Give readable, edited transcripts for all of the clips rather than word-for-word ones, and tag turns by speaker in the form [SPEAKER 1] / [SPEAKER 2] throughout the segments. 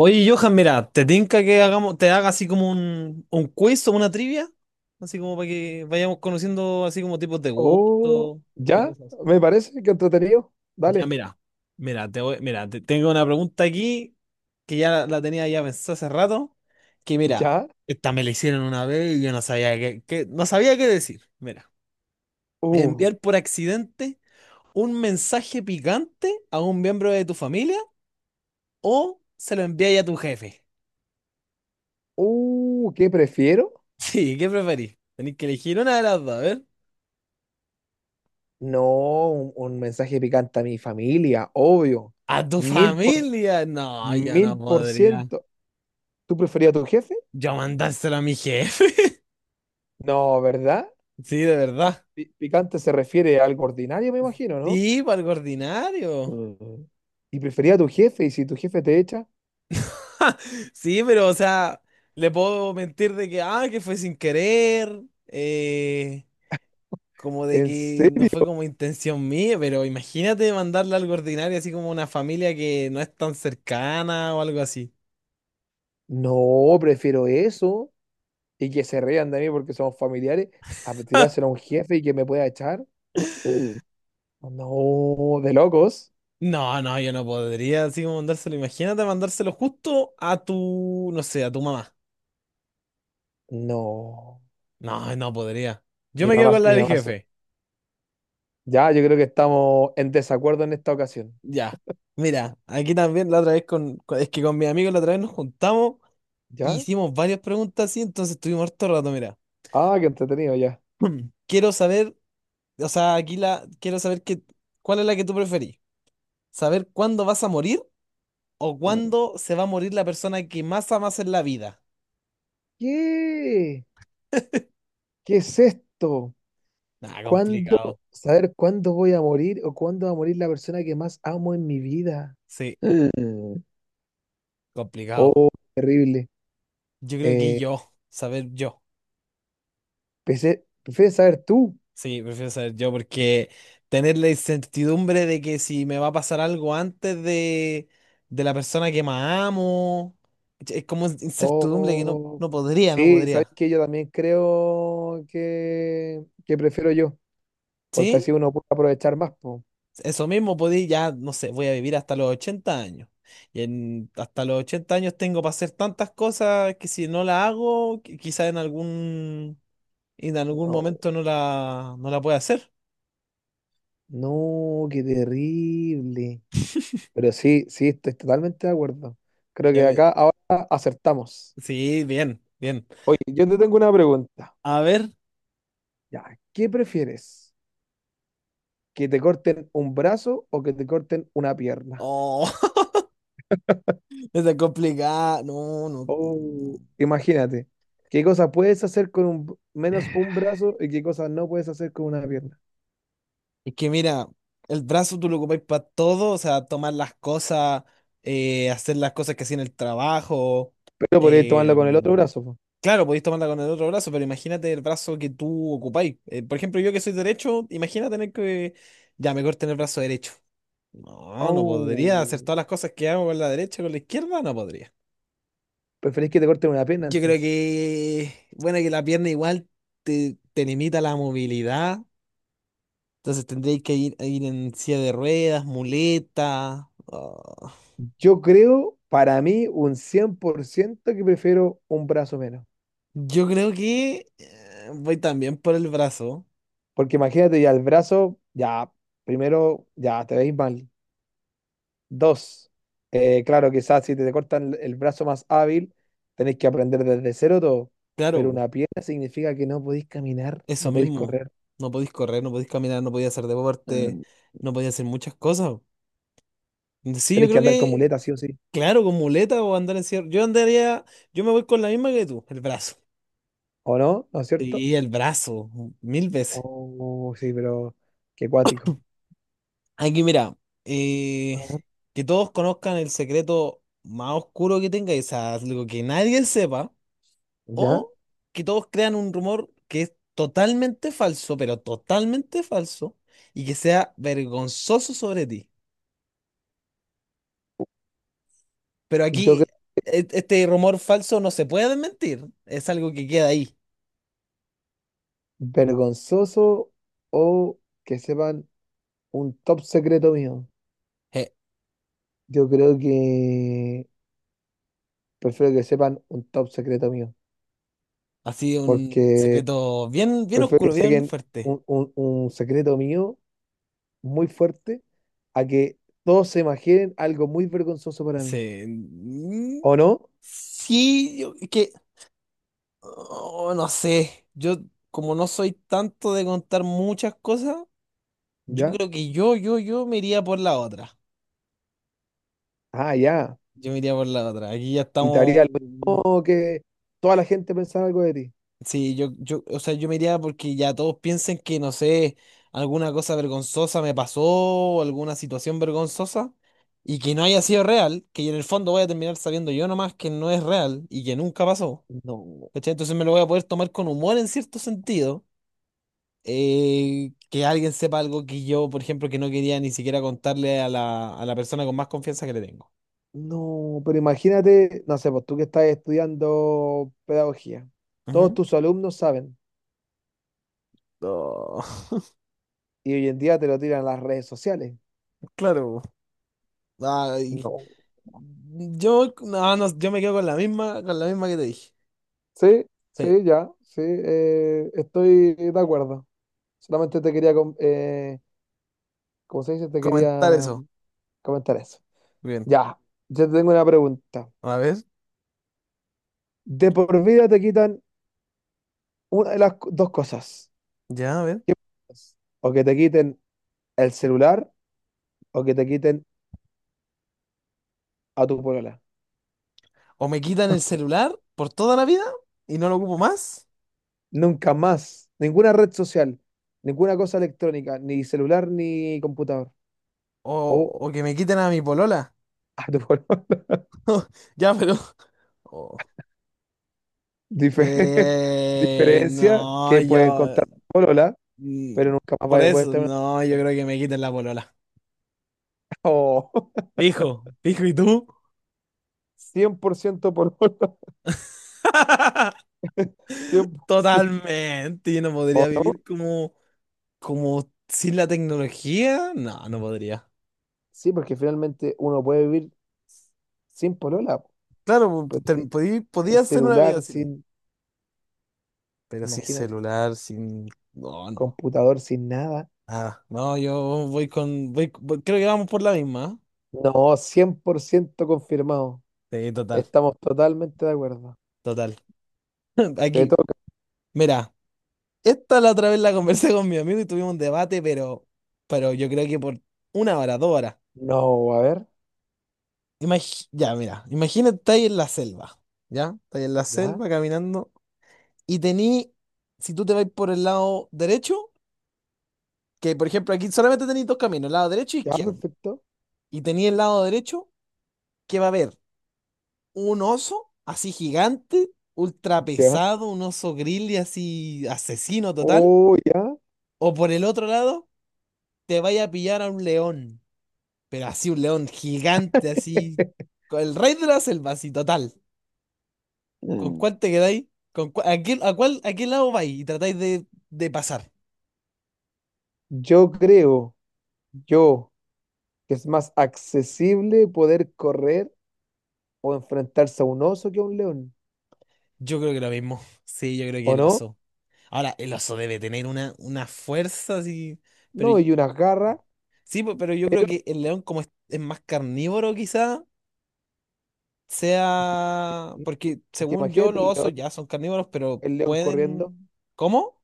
[SPEAKER 1] Oye, Johan, mira, ¿te tinca que te haga así como un quiz o una trivia? Así como para que vayamos conociendo así como tipos de
[SPEAKER 2] Oh,
[SPEAKER 1] gusto y
[SPEAKER 2] ya,
[SPEAKER 1] cosas así.
[SPEAKER 2] me parece que entretenido.
[SPEAKER 1] Ya,
[SPEAKER 2] Dale,
[SPEAKER 1] mira, te voy- mira, te- tengo una pregunta aquí que ya la tenía ya pensada hace rato, que mira,
[SPEAKER 2] ya.
[SPEAKER 1] esta me la hicieron una vez y yo no sabía no sabía qué decir. Mira,
[SPEAKER 2] Uh,
[SPEAKER 1] enviar por accidente un mensaje picante a un miembro de tu familia o se lo envías a tu jefe.
[SPEAKER 2] ¿Qué prefiero?
[SPEAKER 1] Sí, ¿qué preferís? Tenéis que elegir una de las dos, a ver.
[SPEAKER 2] No, un mensaje picante a mi familia, obvio.
[SPEAKER 1] ¿A tu
[SPEAKER 2] Mil por,
[SPEAKER 1] familia? No, yo no
[SPEAKER 2] mil por
[SPEAKER 1] podría.
[SPEAKER 2] ciento. ¿Tú preferías a tu jefe?
[SPEAKER 1] Yo mandárselo a mi jefe.
[SPEAKER 2] No, ¿verdad?
[SPEAKER 1] Sí, de verdad.
[SPEAKER 2] Pi- Picante se refiere a algo ordinario, me imagino, ¿no?
[SPEAKER 1] Y para el ordinario.
[SPEAKER 2] Mm. ¿Y prefería a tu jefe? ¿Y si tu jefe te echa?
[SPEAKER 1] Sí, pero o sea, le puedo mentir de que, ah, que fue sin querer, eh, como de
[SPEAKER 2] ¿En
[SPEAKER 1] que no
[SPEAKER 2] serio?
[SPEAKER 1] fue como intención mía, pero imagínate mandarle algo ordinario, así como una familia que no es tan cercana o algo así.
[SPEAKER 2] No, prefiero eso y que se rían de mí porque somos familiares a tirárselo a un jefe y que me pueda echar. No, de locos.
[SPEAKER 1] No, no, yo no podría así como mandárselo. Imagínate mandárselo justo a tu, no sé, a tu mamá.
[SPEAKER 2] No.
[SPEAKER 1] No, no podría. Yo
[SPEAKER 2] Mi
[SPEAKER 1] me quedo
[SPEAKER 2] mamá,
[SPEAKER 1] con la
[SPEAKER 2] mi
[SPEAKER 1] del
[SPEAKER 2] mamá. se-
[SPEAKER 1] jefe.
[SPEAKER 2] Ya, yo creo que estamos en desacuerdo en esta ocasión.
[SPEAKER 1] Ya. Mira, aquí también la otra vez es que con mis amigos la otra vez nos juntamos e
[SPEAKER 2] ¿Ya?
[SPEAKER 1] hicimos varias preguntas así, entonces estuvimos harto rato, mira.
[SPEAKER 2] Ah, qué entretenido, ya.
[SPEAKER 1] Quiero saber, o sea, quiero saber que, ¿cuál es la que tú preferís? ¿Saber cuándo vas a morir o cuándo se va a morir la persona que más amas en la vida?
[SPEAKER 2] ¿Qué? ¿Qué es esto?
[SPEAKER 1] Ah,
[SPEAKER 2] ¿Cuándo?
[SPEAKER 1] complicado.
[SPEAKER 2] ¿Saber cuándo voy a morir o cuándo va a morir la persona que más amo en mi vida?
[SPEAKER 1] Sí,
[SPEAKER 2] Mm.
[SPEAKER 1] complicado.
[SPEAKER 2] Oh, terrible.
[SPEAKER 1] Yo creo que
[SPEAKER 2] Eh,
[SPEAKER 1] yo, saber yo.
[SPEAKER 2] pensé- ¿prefieres saber tú?
[SPEAKER 1] Sí, prefiero saber yo porque tener la incertidumbre de que si me va a pasar algo antes de la persona que más amo, es como incertidumbre que no,
[SPEAKER 2] Oh,
[SPEAKER 1] no podría, no
[SPEAKER 2] sí, sabes
[SPEAKER 1] podría.
[SPEAKER 2] que yo también creo que prefiero yo. Porque
[SPEAKER 1] ¿Sí?
[SPEAKER 2] así uno puede aprovechar más, po.
[SPEAKER 1] Eso mismo podía, ya, no sé, voy a vivir hasta los 80 años. Hasta los 80 años tengo para hacer tantas cosas que si no la hago, quizá en algún
[SPEAKER 2] Oh,
[SPEAKER 1] momento no la pueda hacer.
[SPEAKER 2] no, qué terrible. Pero sí, sí, estoy totalmente de acuerdo. Creo
[SPEAKER 1] Ya
[SPEAKER 2] que
[SPEAKER 1] ve-
[SPEAKER 2] acá ahora acertamos.
[SPEAKER 1] Sí, bien, bien.
[SPEAKER 2] Oye, yo te tengo una pregunta.
[SPEAKER 1] A ver.
[SPEAKER 2] Ya, ¿qué prefieres? ¿Que te corten un brazo o que te corten una pierna?
[SPEAKER 1] Oh, está complicada. No, no.
[SPEAKER 2] Oh,
[SPEAKER 1] No.
[SPEAKER 2] imagínate, ¿qué cosas puedes hacer con un, menos un brazo y qué cosas no puedes hacer con una pierna?
[SPEAKER 1] Es que mira, el brazo tú lo ocupáis para todo, o sea, tomar las cosas, hacer las cosas que hacía en el trabajo.
[SPEAKER 2] Pero podrías tomarlo
[SPEAKER 1] eh,
[SPEAKER 2] con el otro brazo, po.
[SPEAKER 1] claro, podéis tomarla con el otro brazo, pero imagínate el brazo que tú ocupáis. Por ejemplo, yo que soy derecho, imagina tener que... Ya, mejor tener el brazo derecho. No, no podría hacer
[SPEAKER 2] Oh,
[SPEAKER 1] todas las cosas que hago con la derecha, con la izquierda, no podría.
[SPEAKER 2] ¿preferís que te corten una pierna
[SPEAKER 1] Yo creo
[SPEAKER 2] entonces?
[SPEAKER 1] que, bueno, que la pierna igual te limita la movilidad, entonces tendréis que ir en silla de ruedas, muleta. Ah.
[SPEAKER 2] Yo creo, para mí, un 100% que prefiero un brazo menos.
[SPEAKER 1] Yo creo que voy también por el brazo,
[SPEAKER 2] Porque imagínate, ya el brazo, ya, primero, ya te veis mal. Dos, claro, quizás si te cortan el brazo más hábil, tenéis que aprender desde cero todo.
[SPEAKER 1] claro,
[SPEAKER 2] Pero
[SPEAKER 1] po,
[SPEAKER 2] una pierna significa que no podéis caminar,
[SPEAKER 1] eso
[SPEAKER 2] no podéis
[SPEAKER 1] mismo.
[SPEAKER 2] correr.
[SPEAKER 1] No podéis correr, no podéis caminar, no podéis hacer deporte,
[SPEAKER 2] Mm,
[SPEAKER 1] no podéis hacer muchas cosas. Sí, yo
[SPEAKER 2] tenéis que
[SPEAKER 1] creo
[SPEAKER 2] andar con
[SPEAKER 1] que,
[SPEAKER 2] muletas, sí o sí.
[SPEAKER 1] claro, con muleta o andar en silla. Yo me voy con la misma que tú, el brazo.
[SPEAKER 2] ¿O no? ¿No es cierto?
[SPEAKER 1] Sí, el brazo, mil veces.
[SPEAKER 2] Oh, sí, pero qué cuático.
[SPEAKER 1] Aquí mira, eh,
[SPEAKER 2] A ver,
[SPEAKER 1] que todos conozcan el secreto más oscuro que tengáis, o sea, algo que nadie sepa,
[SPEAKER 2] ¿ya?
[SPEAKER 1] o que todos crean un rumor que es totalmente falso, pero totalmente falso, y que sea vergonzoso sobre ti. Pero
[SPEAKER 2] Yo
[SPEAKER 1] aquí
[SPEAKER 2] creo
[SPEAKER 1] este rumor falso no se puede desmentir, es algo que queda ahí.
[SPEAKER 2] vergonzoso o que sepan un top secreto mío.
[SPEAKER 1] Eh,
[SPEAKER 2] Yo creo que prefiero que sepan un top secreto mío,
[SPEAKER 1] Ha sido un
[SPEAKER 2] porque
[SPEAKER 1] secreto bien, bien
[SPEAKER 2] prefiero
[SPEAKER 1] oscuro,
[SPEAKER 2] que
[SPEAKER 1] bien
[SPEAKER 2] saquen
[SPEAKER 1] fuerte.
[SPEAKER 2] un secreto mío muy fuerte a que todos se imaginen algo muy vergonzoso para mí.
[SPEAKER 1] Sí,
[SPEAKER 2] ¿O no?
[SPEAKER 1] sí, es que oh, no sé, yo como no soy tanto de contar muchas cosas, yo
[SPEAKER 2] ¿Ya?
[SPEAKER 1] creo que yo me iría por la otra.
[SPEAKER 2] Ah, ya.
[SPEAKER 1] Yo me iría por la otra. Aquí ya
[SPEAKER 2] Y te
[SPEAKER 1] estamos.
[SPEAKER 2] haría lo mismo que toda la gente pensara algo de ti.
[SPEAKER 1] Sí, yo, o sea, yo me iría porque ya todos piensen que, no sé, alguna cosa vergonzosa me pasó o alguna situación vergonzosa y que no haya sido real, que en el fondo voy a terminar sabiendo yo nomás que no es real y que nunca pasó.
[SPEAKER 2] No,
[SPEAKER 1] ¿Cachai? Entonces me lo voy a poder tomar con humor en cierto sentido. Que alguien sepa algo que yo, por ejemplo, que no quería ni siquiera contarle a la persona con más confianza que le tengo.
[SPEAKER 2] no, pero imagínate, no sé, pues tú que estás estudiando pedagogía, todos
[SPEAKER 1] Ujú.
[SPEAKER 2] tus alumnos saben
[SPEAKER 1] No,
[SPEAKER 2] y hoy en día te lo tiran a las redes sociales.
[SPEAKER 1] claro. Ay,
[SPEAKER 2] No.
[SPEAKER 1] yo, no, no, yo me quedo con la misma que te dije.
[SPEAKER 2] Sí,
[SPEAKER 1] Sí,
[SPEAKER 2] sí, ya, sí, estoy de acuerdo. Solamente te quería, com- como se dice, te
[SPEAKER 1] comentar
[SPEAKER 2] quería
[SPEAKER 1] eso.
[SPEAKER 2] comentar eso.
[SPEAKER 1] Bien.
[SPEAKER 2] Ya, yo te tengo una pregunta.
[SPEAKER 1] A ver,
[SPEAKER 2] De por vida te quitan una de las co- dos cosas.
[SPEAKER 1] ya, a ver.
[SPEAKER 2] ¿Qué prefieres? ¿O que te quiten el celular o que te quiten a tu polola?
[SPEAKER 1] O me quitan el celular por toda la vida y no lo ocupo más.
[SPEAKER 2] Nunca más, ninguna red social, ninguna cosa electrónica, ni celular ni computador.
[SPEAKER 1] O,
[SPEAKER 2] O
[SPEAKER 1] o que me quiten a mi polola.
[SPEAKER 2] a tu polola.
[SPEAKER 1] Ya, pero. Oh.
[SPEAKER 2] Dife- diferencia
[SPEAKER 1] No,
[SPEAKER 2] que pueden contar.
[SPEAKER 1] yo.
[SPEAKER 2] Polola, pero
[SPEAKER 1] Mm,
[SPEAKER 2] nunca más
[SPEAKER 1] Por
[SPEAKER 2] vaya a poder
[SPEAKER 1] eso,
[SPEAKER 2] estar en una
[SPEAKER 1] no, yo
[SPEAKER 2] relación.
[SPEAKER 1] creo que me quiten la polola.
[SPEAKER 2] Oh,
[SPEAKER 1] Fijo, fijo, ¿y tú?
[SPEAKER 2] 100% por ciento por hora, 100%.
[SPEAKER 1] Totalmente, yo no podría
[SPEAKER 2] ¿O no?
[SPEAKER 1] vivir como sin la tecnología. No, no podría.
[SPEAKER 2] Sí, porque finalmente uno puede vivir sin polola, po,
[SPEAKER 1] Claro, po-
[SPEAKER 2] pero
[SPEAKER 1] te-
[SPEAKER 2] sin,
[SPEAKER 1] podí-
[SPEAKER 2] sin
[SPEAKER 1] podía hacer una vida
[SPEAKER 2] celular,
[SPEAKER 1] sin ella,
[SPEAKER 2] sin,
[SPEAKER 1] pero sin
[SPEAKER 2] imagínate,
[SPEAKER 1] celular, sin... No, no.
[SPEAKER 2] computador, sin nada.
[SPEAKER 1] Nada. No, yo voy con... voy- voy- creo que vamos por la misma.
[SPEAKER 2] No, 100% confirmado.
[SPEAKER 1] ¿Eh? Sí, total,
[SPEAKER 2] Estamos totalmente de acuerdo.
[SPEAKER 1] total.
[SPEAKER 2] Te
[SPEAKER 1] Aquí,
[SPEAKER 2] toca.
[SPEAKER 1] mira, esta la otra vez la conversé con mi amigo y tuvimos un debate, pero yo creo que por 1 hora, 2 horas.
[SPEAKER 2] No, a ver,
[SPEAKER 1] Ya, mira, imagínate, estáis en la selva, ¿ya? Estáis en la
[SPEAKER 2] ya,
[SPEAKER 1] selva caminando y si tú te vas por el lado derecho, que por ejemplo aquí solamente tenéis dos caminos, lado derecho e
[SPEAKER 2] ya,
[SPEAKER 1] izquierdo,
[SPEAKER 2] perfecto.
[SPEAKER 1] y tení el lado derecho que va a haber un oso así gigante, ultra
[SPEAKER 2] Ya.
[SPEAKER 1] pesado, un oso grizzly así asesino total,
[SPEAKER 2] Oh, ya.
[SPEAKER 1] o por el otro lado te vaya a pillar a un león, pero así un león gigante, así, con el rey de la selva, así total. ¿Con cuál te quedáis? ¿Con cua- a qué, a cuál, A qué lado vais? Y tratáis de pasar.
[SPEAKER 2] Yo creo, yo que es más accesible poder correr o enfrentarse a un oso que a un león,
[SPEAKER 1] Yo creo que lo mismo. Sí, yo creo que
[SPEAKER 2] ¿o
[SPEAKER 1] el
[SPEAKER 2] no?
[SPEAKER 1] oso. Ahora, el oso debe tener una fuerza así. Pero
[SPEAKER 2] No,
[SPEAKER 1] y-
[SPEAKER 2] y unas garras.
[SPEAKER 1] sí, pero yo creo que el león, como es más carnívoro, quizá
[SPEAKER 2] Yo-
[SPEAKER 1] sea.
[SPEAKER 2] ¿sí?
[SPEAKER 1] Porque
[SPEAKER 2] Porque
[SPEAKER 1] según yo,
[SPEAKER 2] imagínate
[SPEAKER 1] los osos ya son carnívoros, pero
[SPEAKER 2] el león corriendo,
[SPEAKER 1] pueden. ¿Cómo?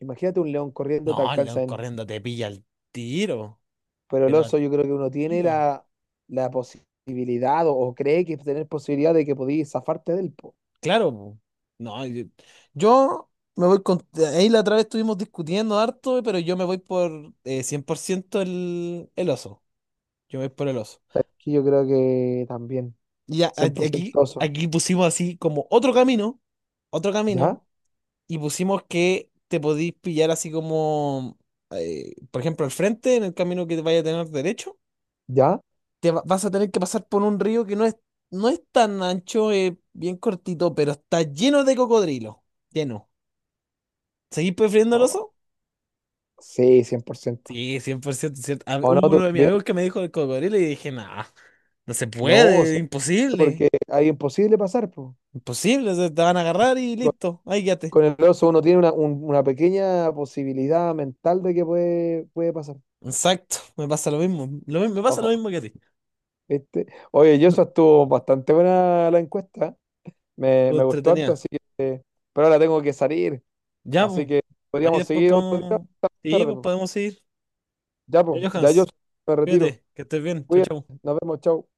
[SPEAKER 2] imagínate un león corriendo te
[SPEAKER 1] No, el león
[SPEAKER 2] alcanza en...
[SPEAKER 1] corriendo te pilla al tiro.
[SPEAKER 2] Pero el
[SPEAKER 1] Pero al
[SPEAKER 2] oso yo creo que uno tiene
[SPEAKER 1] tiro.
[SPEAKER 2] la, la posibilidad o cree que tener posibilidad de que podías zafarte del po.
[SPEAKER 1] Claro, po. No, yo me voy con... Ahí la otra vez estuvimos discutiendo harto, pero yo me voy por 100% el oso. Yo me voy por el oso.
[SPEAKER 2] ¿Sabes qué? Yo creo que también,
[SPEAKER 1] Y ya, a-
[SPEAKER 2] cien por
[SPEAKER 1] aquí,
[SPEAKER 2] ciento oso,
[SPEAKER 1] aquí pusimos así como otro
[SPEAKER 2] ¿ya?
[SPEAKER 1] camino, y pusimos que te podís pillar así como, por ejemplo, al frente, en el camino que vaya a tener derecho,
[SPEAKER 2] ¿Ya?
[SPEAKER 1] vas a tener que pasar por un río que no es tan ancho, bien cortito, pero está lleno de cocodrilo, lleno. ¿Seguís prefiriendo el
[SPEAKER 2] Oh,
[SPEAKER 1] oso?
[SPEAKER 2] sí, cien por ciento.
[SPEAKER 1] Sí, 100% cierto. Ah,
[SPEAKER 2] ¿O no
[SPEAKER 1] hubo
[SPEAKER 2] tú
[SPEAKER 1] uno de mis
[SPEAKER 2] también?
[SPEAKER 1] amigos que me dijo el cocodrilo y dije, nah, no se
[SPEAKER 2] No,
[SPEAKER 1] puede,
[SPEAKER 2] sí,
[SPEAKER 1] imposible,
[SPEAKER 2] porque hay imposible pasar, po.
[SPEAKER 1] imposible, o sea, te van a agarrar y listo, ahí quédate.
[SPEAKER 2] Con el oso uno tiene una, un- una pequeña posibilidad mental de que puede pasar.
[SPEAKER 1] Exacto, me pasa lo mismo, me pasa lo
[SPEAKER 2] Ojo,
[SPEAKER 1] mismo que a ti.
[SPEAKER 2] ¿viste? Oye, yo eso estuvo bastante buena la encuesta.
[SPEAKER 1] Lo
[SPEAKER 2] Me gustó harto,
[SPEAKER 1] entretenía.
[SPEAKER 2] así que... Pero ahora tengo que salir.
[SPEAKER 1] Ya,
[SPEAKER 2] Así
[SPEAKER 1] pues,
[SPEAKER 2] que
[SPEAKER 1] ahí
[SPEAKER 2] podríamos
[SPEAKER 1] después
[SPEAKER 2] seguir otro día
[SPEAKER 1] podemos,
[SPEAKER 2] más
[SPEAKER 1] sí,
[SPEAKER 2] tarde.
[SPEAKER 1] pues
[SPEAKER 2] Po.
[SPEAKER 1] podemos ir. Ya,
[SPEAKER 2] Yo
[SPEAKER 1] Johans,
[SPEAKER 2] me retiro.
[SPEAKER 1] cuídate, que estés bien, chao,
[SPEAKER 2] Cuídate,
[SPEAKER 1] chao.
[SPEAKER 2] nos vemos, chao.